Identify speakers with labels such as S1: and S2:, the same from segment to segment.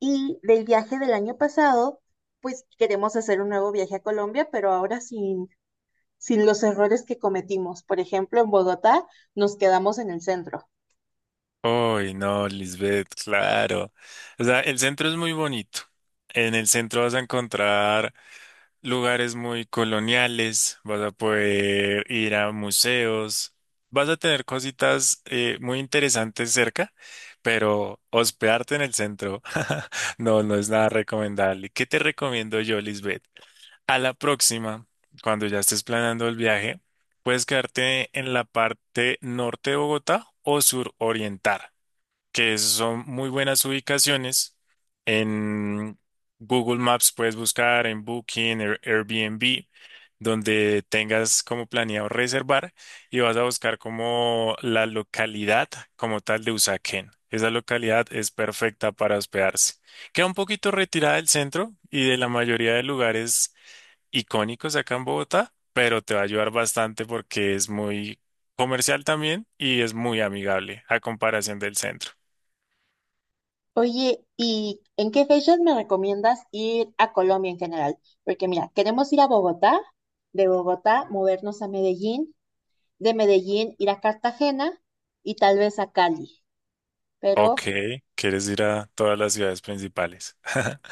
S1: Y del viaje del año pasado, pues queremos hacer un nuevo viaje a Colombia, pero ahora sin los errores que cometimos. Por ejemplo, en Bogotá nos quedamos en el centro.
S2: Uy, no, Lisbeth, claro. O sea, el centro es muy bonito. En el centro vas a encontrar lugares muy coloniales, vas a poder ir a museos, vas a tener cositas muy interesantes cerca, pero hospedarte en el centro no, no es nada recomendable. ¿Qué te recomiendo yo, Lisbeth? A la próxima, cuando ya estés planeando el viaje, puedes quedarte en la parte norte de Bogotá o suroriental que son muy buenas ubicaciones. En Google Maps puedes buscar en Booking, Airbnb, donde tengas como planeado reservar y vas a buscar como la localidad como tal de Usaquén. Esa localidad es perfecta para hospedarse. Queda un poquito retirada del centro y de la mayoría de lugares icónicos acá en Bogotá, pero te va a ayudar bastante porque es muy comercial también y es muy amigable a comparación del centro.
S1: Oye, ¿y en qué fechas me recomiendas ir a Colombia en general? Porque mira, queremos ir a Bogotá, de Bogotá movernos a Medellín, de Medellín ir a Cartagena y tal vez a Cali.
S2: Ok,
S1: Pero
S2: quieres ir a todas las ciudades principales.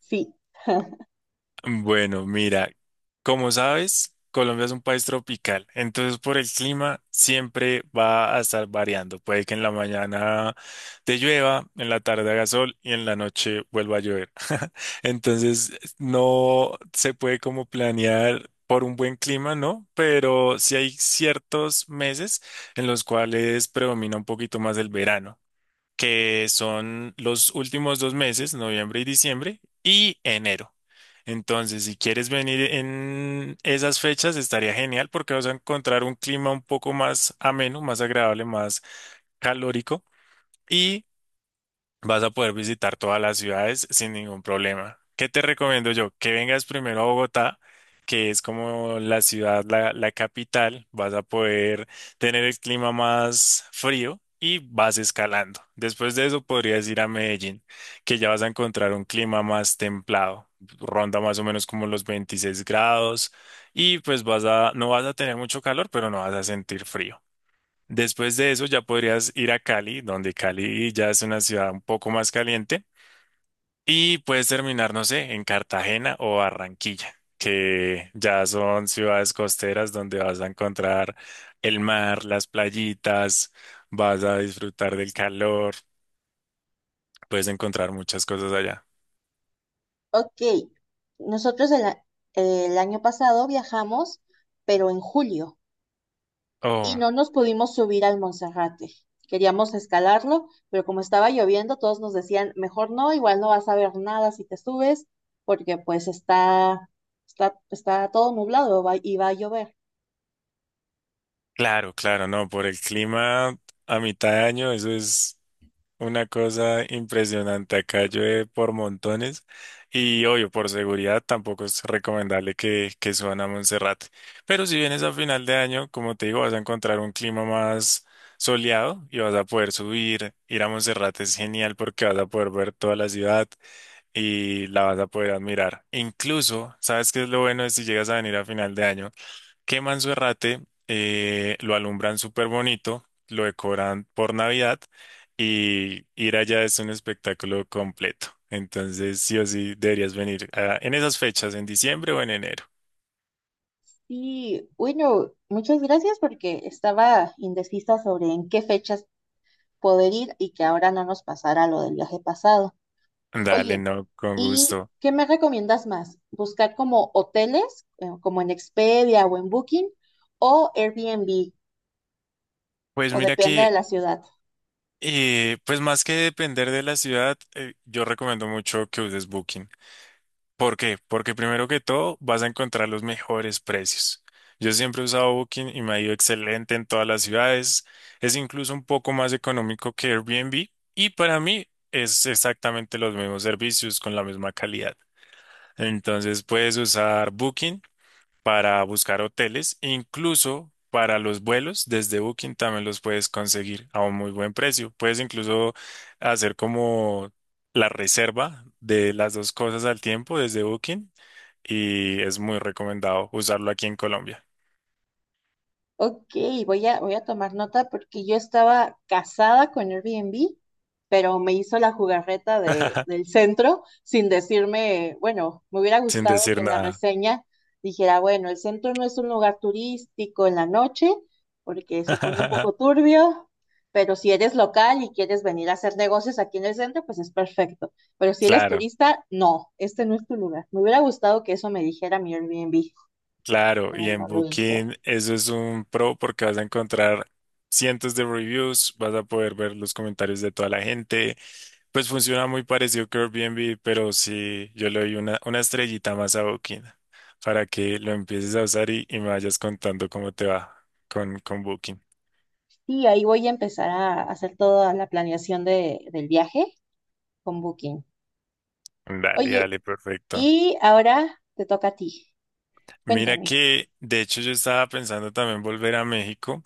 S1: sí,
S2: Bueno, mira, como sabes, Colombia es un país tropical, entonces por el clima siempre va a estar variando. Puede que en la mañana te llueva, en la tarde haga sol y en la noche vuelva a llover. Entonces no se puede como planear por un buen clima, ¿no? Pero sí hay ciertos meses en los cuales predomina un poquito más el verano que son los últimos dos meses, noviembre y diciembre, y enero. Entonces, si quieres venir en esas fechas, estaría genial porque vas a encontrar un clima un poco más ameno, más agradable, más calórico. Y vas a poder visitar todas las ciudades sin ningún problema. ¿Qué te recomiendo yo? Que vengas primero a Bogotá, que es como la ciudad, la capital. Vas a poder tener el clima más frío y vas escalando. Después de eso podrías ir a Medellín, que ya vas a encontrar un clima más templado. Ronda más o menos como los 26 grados y pues no vas a tener mucho calor, pero no vas a sentir frío. Después de eso ya podrías ir a Cali, donde Cali ya es una ciudad un poco más caliente, y puedes terminar, no sé, en Cartagena o Barranquilla, que ya son ciudades costeras donde vas a encontrar el mar, las playitas, vas a disfrutar del calor, puedes encontrar muchas cosas allá.
S1: ok. Nosotros el año pasado viajamos, pero en julio. Y
S2: Oh,
S1: no nos pudimos subir al Monserrate. Queríamos escalarlo, pero como estaba lloviendo, todos nos decían, mejor no, igual no vas a ver nada si te subes, porque pues está todo nublado y va a llover.
S2: claro, claro, no, por el clima a mitad de año, eso es una cosa impresionante. Acá llueve por montones y obvio, por seguridad tampoco es recomendable que suban a Monserrate. Pero si vienes a final de año, como te digo, vas a encontrar un clima más soleado y vas a poder subir. Ir a Monserrate es genial porque vas a poder ver toda la ciudad y la vas a poder admirar. Incluso, ¿sabes qué es lo bueno de si llegas a venir a final de año? Queman su errate, lo alumbran súper bonito, lo decoran por Navidad y ir allá es un espectáculo completo. Entonces, sí o sí, deberías venir en esas fechas, en diciembre o en enero.
S1: Y bueno, muchas gracias porque estaba indecisa sobre en qué fechas poder ir y que ahora no nos pasara lo del viaje pasado.
S2: Dale,
S1: Oye,
S2: no, con
S1: ¿y
S2: gusto.
S1: qué me recomiendas más? ¿Buscar como hoteles, como en Expedia o en Booking, o Airbnb?
S2: Pues
S1: O
S2: mira
S1: depende
S2: que,
S1: de la ciudad.
S2: pues más que depender de la ciudad, yo recomiendo mucho que uses Booking. ¿Por qué? Porque primero que todo vas a encontrar los mejores precios. Yo siempre he usado Booking y me ha ido excelente en todas las ciudades. Es incluso un poco más económico que Airbnb y para mí es exactamente los mismos servicios con la misma calidad. Entonces puedes usar Booking para buscar hoteles, incluso para los vuelos desde Booking también los puedes conseguir a un muy buen precio. Puedes incluso hacer como la reserva de las dos cosas al tiempo desde Booking y es muy recomendado usarlo aquí en Colombia.
S1: Ok, voy a tomar nota porque yo estaba casada con Airbnb, pero me hizo la jugarreta del centro sin decirme, bueno, me hubiera
S2: Sin
S1: gustado que
S2: decir
S1: en la
S2: nada.
S1: reseña dijera, bueno, el centro no es un lugar turístico en la noche porque se pone un poco turbio, pero si eres local y quieres venir a hacer negocios aquí en el centro, pues es perfecto. Pero si eres
S2: Claro,
S1: turista, no, este no es tu lugar. Me hubiera gustado que eso me dijera mi Airbnb,
S2: claro.
S1: pero
S2: Y en
S1: no lo hizo.
S2: Booking eso es un pro porque vas a encontrar cientos de reviews, vas a poder ver los comentarios de toda la gente. Pues funciona muy parecido que Airbnb, pero sí, yo le doy una estrellita más a Booking para que lo empieces a usar y me vayas contando cómo te va con Booking.
S1: Sí, ahí voy a empezar a hacer toda la planeación del viaje con Booking.
S2: Dale,
S1: Oye,
S2: dale, perfecto.
S1: y ahora te toca a ti.
S2: Mira
S1: Cuéntame.
S2: que, de hecho, yo estaba pensando también volver a México,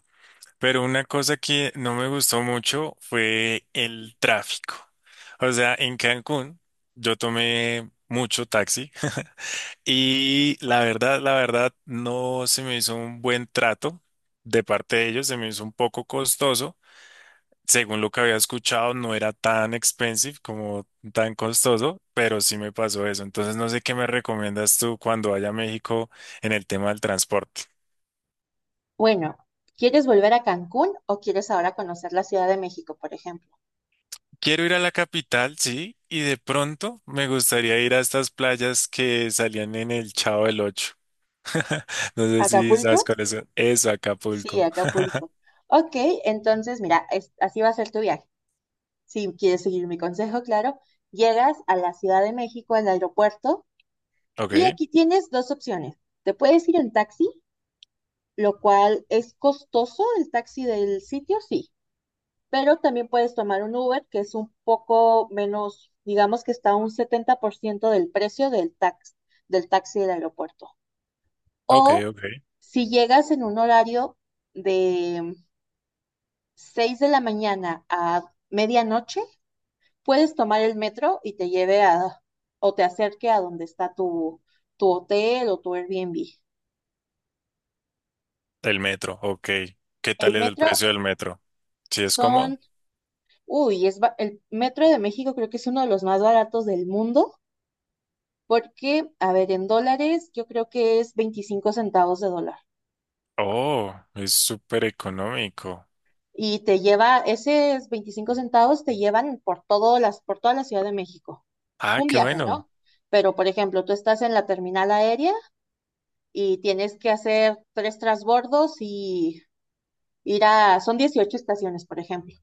S2: pero una cosa que no me gustó mucho fue el tráfico. O sea, en Cancún yo tomé mucho taxi y la verdad, no se me hizo un buen trato de parte de ellos, se me hizo un poco costoso según lo que había escuchado. No era tan expensive como tan costoso, pero sí me pasó eso. Entonces, no sé qué me recomiendas tú cuando vaya a México en el tema del transporte.
S1: Bueno, ¿quieres volver a Cancún o quieres ahora conocer la Ciudad de México, por ejemplo?
S2: Quiero ir a la capital, sí, y de pronto me gustaría ir a estas playas que salían en el Chavo del Ocho. No sé si
S1: ¿Acapulco?
S2: sabes cuál es. Eso,
S1: Sí,
S2: Acapulco.
S1: Acapulco. Ok, entonces mira, así va a ser tu viaje. Si quieres seguir mi consejo, claro, llegas a la Ciudad de México, al aeropuerto, y
S2: Ok,
S1: aquí tienes dos opciones. Te puedes ir en taxi, lo cual es costoso el taxi del sitio, sí, pero también puedes tomar un Uber, que es un poco menos, digamos que está a un 70% del precio del taxi del aeropuerto.
S2: ok,
S1: O
S2: ok.
S1: si llegas en un horario de 6 de la mañana a medianoche, puedes tomar el metro y te lleve a o te acerque a donde está tu hotel o tu Airbnb.
S2: El metro, ok. ¿Qué
S1: El
S2: tal es el
S1: metro
S2: precio del metro? ¿Sí es cómodo?
S1: son, uy, el metro de México creo que es uno de los más baratos del mundo. Porque, a ver, en dólares yo creo que es 25 centavos de dólar.
S2: Oh, es súper económico.
S1: Y te lleva, esos 25 centavos te llevan por por toda la Ciudad de México.
S2: Ah,
S1: Un
S2: qué
S1: viaje,
S2: bueno.
S1: ¿no? Pero, por ejemplo, tú estás en la terminal aérea y tienes que hacer tres transbordos y son 18 estaciones, por ejemplo.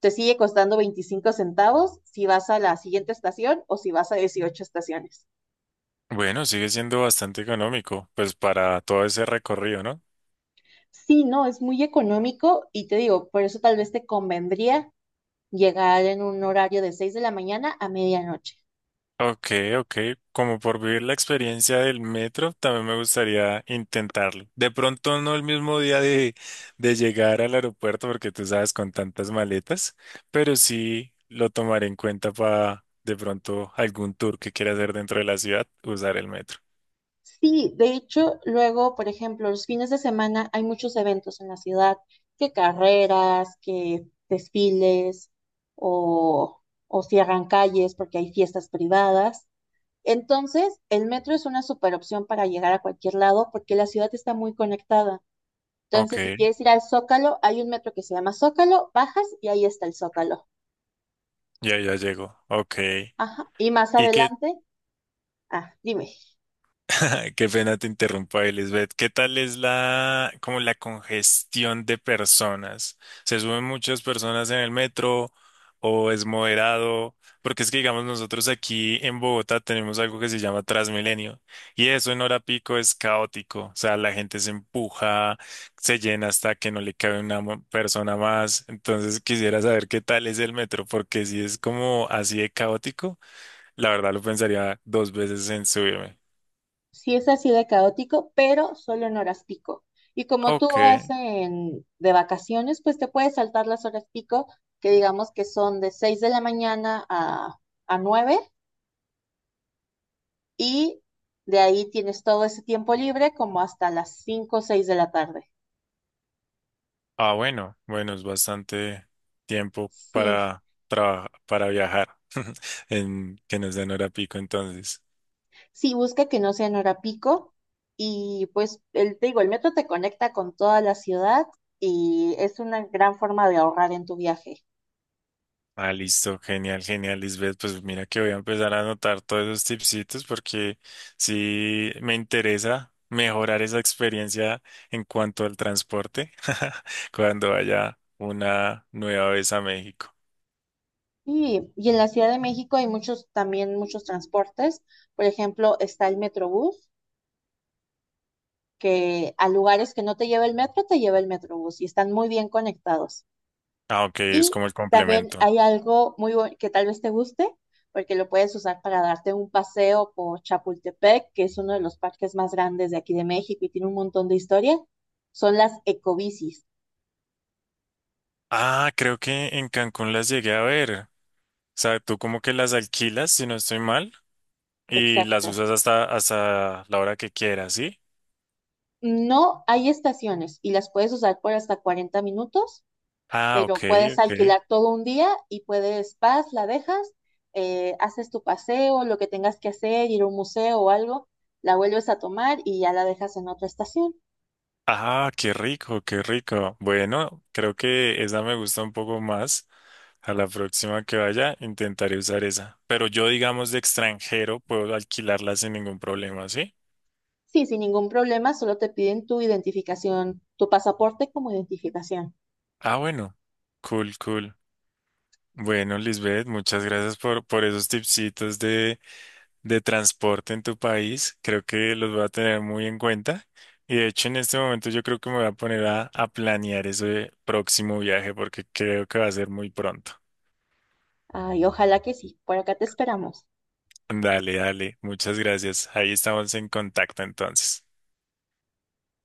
S1: Te sigue costando 25 centavos si vas a la siguiente estación o si vas a 18 estaciones.
S2: Bueno, sigue siendo bastante económico, pues para todo ese recorrido, ¿no?
S1: Sí, no, es muy económico y te digo, por eso tal vez te convendría llegar en un horario de 6 de la mañana a medianoche.
S2: Ok, ok. Como por vivir la experiencia del metro, también me gustaría intentarlo. De pronto no el mismo día de llegar al aeropuerto, porque tú sabes, con tantas maletas, pero sí lo tomaré en cuenta para de pronto algún tour que quiera hacer dentro de la ciudad, usar el metro.
S1: Sí, de hecho, luego, por ejemplo, los fines de semana hay muchos eventos en la ciudad, que carreras, que desfiles o, o cierran calles porque hay fiestas privadas. Entonces, el metro es una super opción para llegar a cualquier lado porque la ciudad está muy conectada.
S2: Ok,
S1: Entonces, si quieres ir al Zócalo, hay un metro que se llama Zócalo, bajas y ahí está el Zócalo.
S2: ya, ya llego. Ok.
S1: Ajá. Y más
S2: ¿Y qué,
S1: adelante, ah, dime.
S2: Qué pena te interrumpa, Elizabeth. ¿Qué tal es como la congestión de personas? ¿Se suben muchas personas en el metro o es moderado? Porque es que, digamos, nosotros aquí en Bogotá tenemos algo que se llama Transmilenio y eso en hora pico es caótico. O sea, la gente se empuja, se llena hasta que no le cabe persona más. Entonces quisiera saber qué tal es el metro, porque si es como así de caótico, la verdad lo pensaría dos veces en subirme.
S1: Sí, es así de caótico, pero solo en horas pico. Y como tú
S2: Ok.
S1: vas de vacaciones, pues te puedes saltar las horas pico, que digamos que son de 6 de la mañana a 9, y de ahí tienes todo ese tiempo libre como hasta las 5 o 6 de la tarde.
S2: Ah, bueno, bueno, es bastante tiempo
S1: Sí,
S2: para viajar en que no sea en hora pico entonces.
S1: sí, busca que no sea en hora pico. Y pues te digo, el metro te conecta con toda la ciudad y es una gran forma de ahorrar en tu viaje.
S2: Ah, listo, genial, genial, Lisbeth. Pues mira que voy a empezar a anotar todos esos tipsitos porque sí me interesa mejorar esa experiencia en cuanto al transporte cuando vaya una nueva vez a México.
S1: Sí, y en la Ciudad de México hay muchos, también muchos transportes. Por ejemplo, está el Metrobús, que a lugares que no te lleva el metro, te lleva el Metrobús y están muy bien conectados.
S2: Ah, ok, es
S1: Y
S2: como el
S1: también
S2: complemento.
S1: hay algo muy bueno que tal vez te guste, porque lo puedes usar para darte un paseo por Chapultepec, que es uno de los parques más grandes de aquí de México y tiene un montón de historia. Son las ecobicis,
S2: Ah, creo que en Cancún las llegué a ver. O sea, tú como que las alquilas, si no estoy mal. Y las
S1: exacto.
S2: usas hasta la hora que quieras, ¿sí?
S1: No hay estaciones y las puedes usar por hasta 40 minutos,
S2: Ah, ok,
S1: pero puedes
S2: ok.
S1: alquilar todo un día y puedes, vas, la dejas, haces tu paseo, lo que tengas que hacer, ir a un museo o algo, la vuelves a tomar y ya la dejas en otra estación.
S2: Ah, qué rico, qué rico. Bueno, creo que esa me gusta un poco más. A la próxima que vaya, intentaré usar esa. Pero yo, digamos, de extranjero, puedo alquilarla sin ningún problema, ¿sí?
S1: Sí, sin ningún problema, solo te piden tu identificación, tu pasaporte como identificación.
S2: Ah, bueno. Cool, cool. Bueno, Lisbeth, muchas gracias por esos tipsitos de transporte en tu país. Creo que los voy a tener muy en cuenta. Y de hecho, en este momento yo creo que me voy a poner a planear ese próximo viaje porque creo que va a ser muy pronto.
S1: Ay, ojalá que sí, por acá te esperamos.
S2: Dale, dale. Muchas gracias. Ahí estamos en contacto entonces.